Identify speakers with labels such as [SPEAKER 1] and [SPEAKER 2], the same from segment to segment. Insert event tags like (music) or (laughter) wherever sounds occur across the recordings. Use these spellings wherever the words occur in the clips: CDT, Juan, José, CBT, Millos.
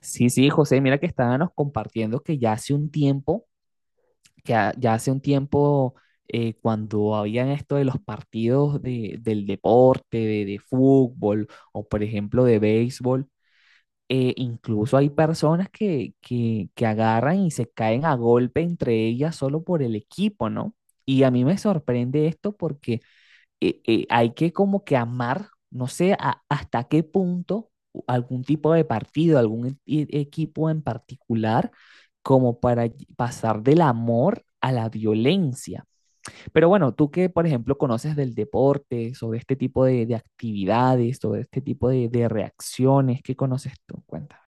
[SPEAKER 1] Sí, sí, José, mira que estábamos compartiendo que ya hace un tiempo, ya hace un tiempo, cuando habían esto de los partidos del deporte, de fútbol o por ejemplo de béisbol. Incluso hay personas que agarran y se caen a golpe entre ellas solo por el equipo, ¿no? Y a mí me sorprende esto porque hay que como que amar, no sé hasta qué punto algún tipo de partido, algún equipo en particular, como para pasar del amor a la violencia. Pero bueno, tú que, por ejemplo, conoces del deporte, sobre este tipo de actividades, sobre este tipo de reacciones, ¿qué conoces tú? Cuéntame.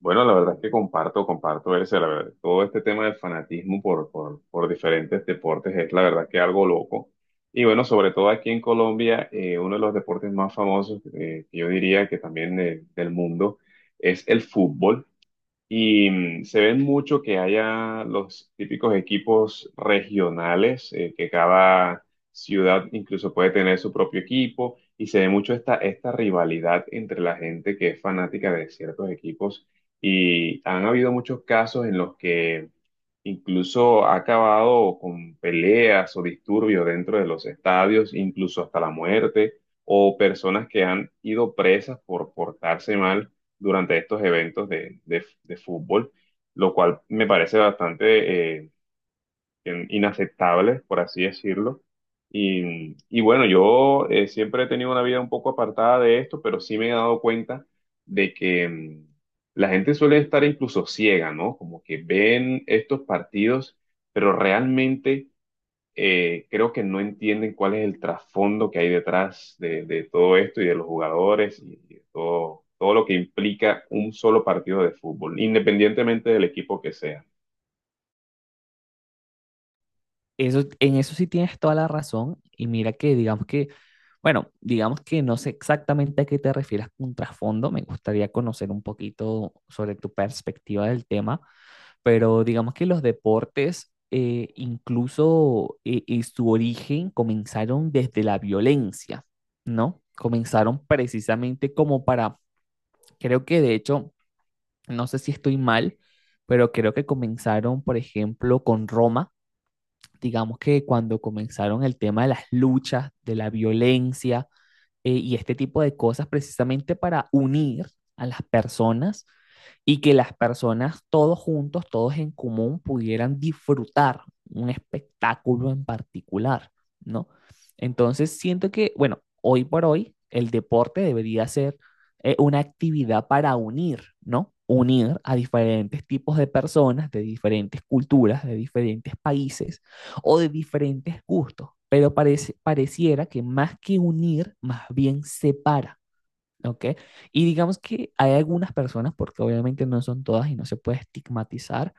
[SPEAKER 2] Bueno, la verdad es que comparto ese, la verdad, todo este tema del fanatismo por diferentes deportes es la verdad que algo loco. Y bueno, sobre todo aquí en Colombia, uno de los deportes más famosos, que yo diría que también del mundo, es el fútbol. Y se ven mucho que haya los típicos equipos regionales, que cada ciudad incluso puede tener su propio equipo, y se ve mucho esta rivalidad entre la gente que es fanática de ciertos equipos. Y han habido muchos casos en los que incluso ha acabado con peleas o disturbios dentro de los estadios, incluso hasta la muerte, o personas que han ido presas por portarse mal durante estos eventos de fútbol, lo cual me parece bastante inaceptables, por así decirlo. Y bueno, yo siempre he tenido una vida un poco apartada de esto, pero sí me he dado cuenta de que la gente suele estar incluso ciega, ¿no? Como que ven estos partidos, pero realmente creo que no entienden cuál es el trasfondo que hay detrás de todo esto y de los jugadores y de todo, todo lo que implica un solo partido de fútbol, independientemente del equipo que sea.
[SPEAKER 1] Eso, en eso sí tienes toda la razón. Y mira que, digamos que, bueno, digamos que no sé exactamente a qué te refieres con trasfondo, me gustaría conocer un poquito sobre tu perspectiva del tema, pero digamos que los deportes, incluso su origen, comenzaron desde la violencia, ¿no? Comenzaron precisamente como para, creo que de hecho, no sé si estoy mal, pero creo que comenzaron, por ejemplo, con Roma, digamos que cuando comenzaron el tema de las luchas, de la violencia, y este tipo de cosas precisamente para unir a las personas y que las personas todos juntos, todos en común, pudieran disfrutar un espectáculo en particular, ¿no? Entonces siento que, bueno, hoy por hoy el deporte debería ser una actividad para unir, ¿no? Unir a diferentes tipos de personas, de diferentes culturas, de diferentes países, o de diferentes gustos, pero parece, pareciera que más que unir, más bien separa. ¿Ok? Y digamos que hay algunas personas, porque obviamente no son todas y no se puede estigmatizar,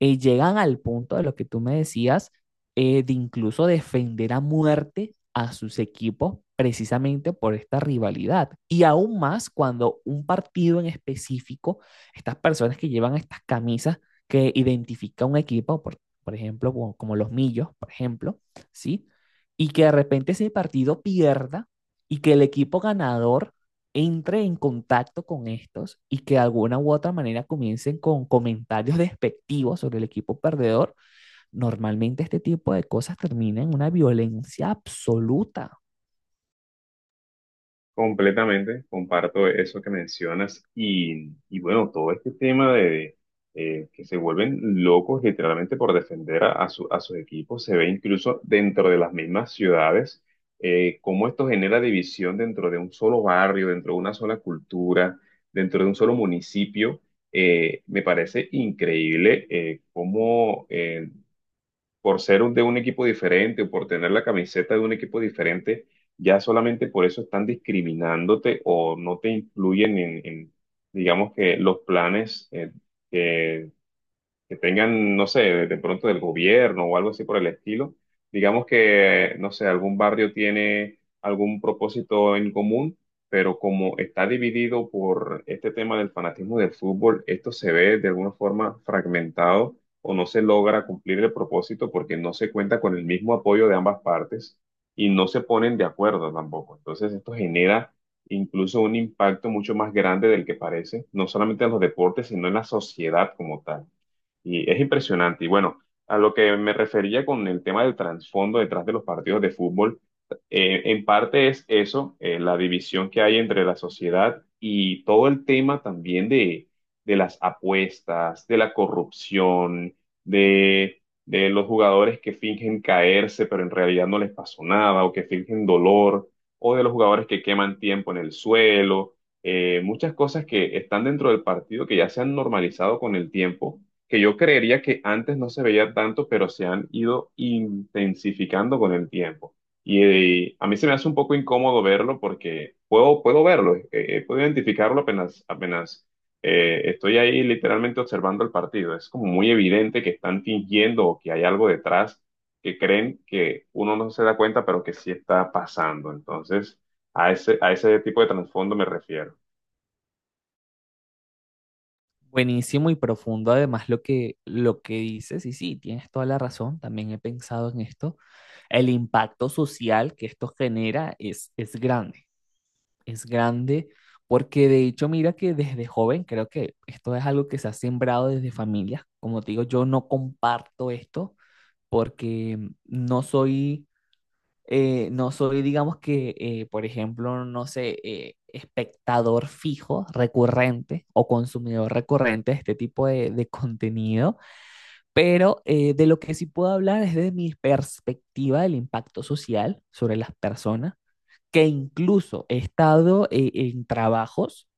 [SPEAKER 1] llegan al punto de lo que tú me decías, de incluso defender a muerte a sus equipos precisamente por esta rivalidad. Y aún más cuando un partido en específico, estas personas que llevan estas camisas que identifica un equipo, por ejemplo, como los Millos, por ejemplo, ¿sí? Y que de repente ese partido pierda y que el equipo ganador entre en contacto con estos y que de alguna u otra manera comiencen con comentarios (laughs) despectivos sobre el equipo perdedor, normalmente este tipo de cosas termina en una violencia absoluta.
[SPEAKER 2] Completamente, comparto eso que mencionas y bueno, todo este tema de que se vuelven locos literalmente por defender a, a sus equipos, se ve incluso dentro de las mismas ciudades, cómo esto genera división dentro de un solo barrio, dentro de una sola cultura, dentro de un solo municipio. Me parece increíble como por ser de un equipo diferente o por tener la camiseta de un equipo diferente, ya solamente por eso están discriminándote o no te incluyen digamos que los planes eh, que tengan, no sé, de pronto del gobierno o algo así por el estilo. Digamos que, no sé, algún barrio tiene algún propósito en común, pero como está dividido por este tema del fanatismo del fútbol, esto se ve de alguna forma fragmentado o no se logra cumplir el propósito porque no se cuenta con el mismo apoyo de ambas partes y no se ponen de acuerdo tampoco. Entonces esto genera incluso un impacto mucho más grande del que parece, no solamente en los deportes, sino en la sociedad como tal. Y es impresionante. Y bueno, a lo que me refería con el tema del trasfondo detrás de los partidos de fútbol, en parte es eso, la división que hay entre la sociedad y todo el tema también de las apuestas, de la corrupción, de los jugadores que fingen caerse, pero en realidad no les pasó nada, o que fingen dolor, o de los jugadores que queman tiempo en el suelo. Muchas cosas que están dentro del partido que ya se han normalizado con el tiempo que yo creería que antes no se veía tanto, pero se han ido intensificando con el tiempo. Y, a mí se me hace un poco incómodo verlo porque puedo verlo, puedo identificarlo apenas estoy ahí literalmente observando el partido. Es como muy evidente que están fingiendo o que hay algo detrás que creen que uno no se da cuenta, pero que sí está pasando. Entonces, a ese tipo de trasfondo me refiero.
[SPEAKER 1] Buenísimo y profundo además lo que dices, y sí, tienes toda la razón, también he pensado en esto, el impacto social que esto genera es grande. Es grande, porque de hecho, mira que desde joven creo que esto es algo que se ha sembrado desde familias. Como te digo, yo no comparto esto porque no soy, no soy, digamos que, por ejemplo, no sé, espectador fijo, recurrente o consumidor recurrente de este tipo de contenido, pero de lo que sí puedo hablar es de mi perspectiva del impacto social sobre las personas, que incluso he estado en trabajos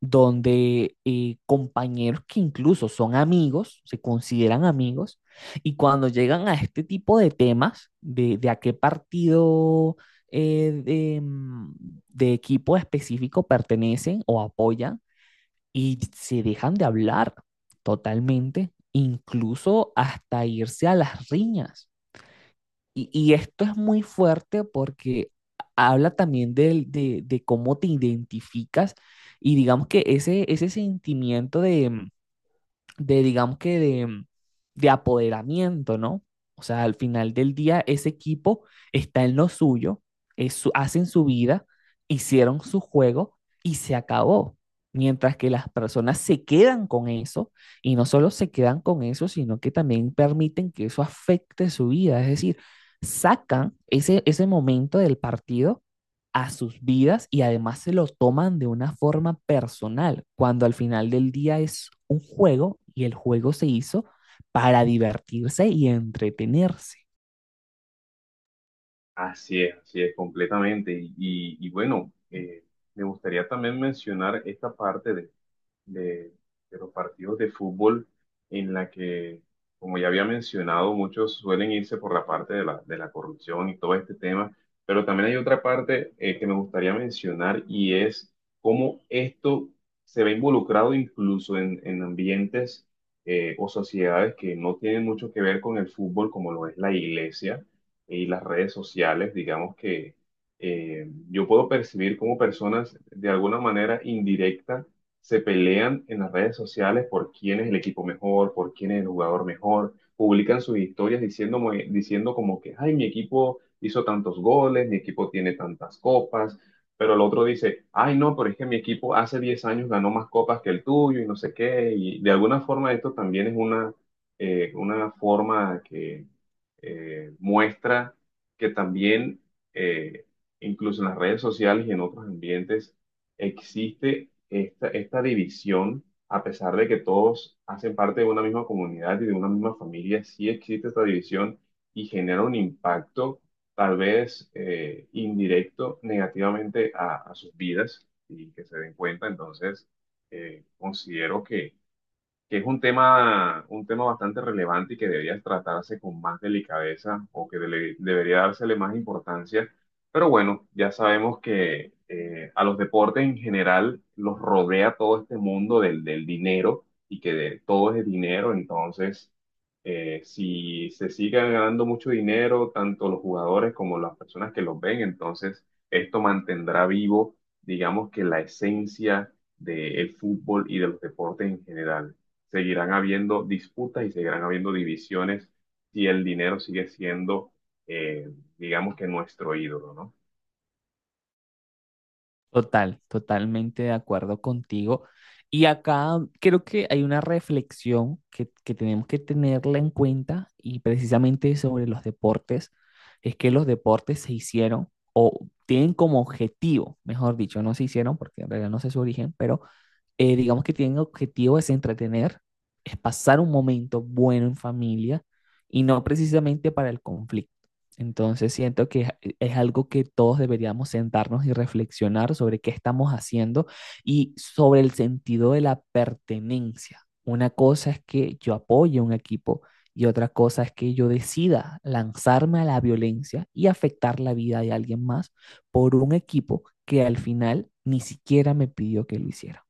[SPEAKER 1] donde compañeros que incluso son amigos, se consideran amigos, y cuando llegan a este tipo de temas, de a qué partido eh, de, mm, de equipo específico pertenecen o apoyan, y se dejan de hablar totalmente, incluso hasta irse a las riñas. Y esto es muy fuerte porque habla también de cómo te identificas y digamos que ese sentimiento de digamos que de apoderamiento, ¿no? O sea, al final del día ese equipo está en lo suyo, hacen su vida, hicieron su juego y se acabó. Mientras que las personas se quedan con eso y no solo se quedan con eso, sino que también permiten que eso afecte su vida. Es decir, sacan ese, ese momento del partido a sus vidas y además se lo toman de una forma personal, cuando al final del día es un juego y el juego se hizo para divertirse y entretenerse.
[SPEAKER 2] Así es, completamente. Y, y bueno, me gustaría también mencionar esta parte de, de los partidos de fútbol en la que, como ya había mencionado, muchos suelen irse por la parte de de la corrupción y todo este tema, pero también hay otra parte que me gustaría mencionar y es cómo esto se ve involucrado incluso en ambientes o sociedades que no tienen mucho que ver con el fútbol, como lo es la iglesia y las redes sociales, digamos que yo puedo percibir cómo personas de alguna manera indirecta se pelean en las redes sociales por quién es el equipo mejor, por quién es el jugador mejor, publican sus historias diciendo como que, ay, mi equipo hizo tantos goles, mi equipo tiene tantas copas, pero el otro dice, ay, no, pero es que mi equipo hace 10 años ganó más copas que el tuyo y no sé qué, y de alguna forma esto también es una forma que muestra que también, eh, incluso en las redes sociales y en otros ambientes, existe esta división, a pesar de que todos hacen parte de una misma comunidad y de una misma familia, sí existe esta división y genera un impacto tal vez indirecto negativamente a sus vidas y que se den cuenta. Entonces, considero que es un tema bastante relevante y que debería tratarse con más delicadeza o que debería dársele más importancia. Pero bueno, ya sabemos que a los deportes en general los rodea todo este mundo del dinero y que de, todo es dinero. Entonces, si se sigue ganando mucho dinero, tanto los jugadores como las personas que los ven, entonces esto mantendrá vivo, digamos que la esencia del fútbol y de los deportes en general seguirán habiendo disputas y seguirán habiendo divisiones si el dinero sigue siendo, eh, digamos que nuestro ídolo, ¿no?
[SPEAKER 1] Total, totalmente de acuerdo contigo. Y acá creo que hay una reflexión que tenemos que tenerla en cuenta y precisamente sobre los deportes, es que los deportes se hicieron o tienen como objetivo, mejor dicho, no se hicieron porque en realidad no sé su origen, pero digamos que tienen objetivo es entretener, es pasar un momento bueno en familia y no precisamente para el conflicto. Entonces siento que es algo que todos deberíamos sentarnos y reflexionar sobre qué estamos haciendo y sobre el sentido de la pertenencia. Una cosa es que yo apoye un equipo y otra cosa es que yo decida lanzarme a la violencia y afectar la vida de alguien más por un equipo que al final ni siquiera me pidió que lo hiciera.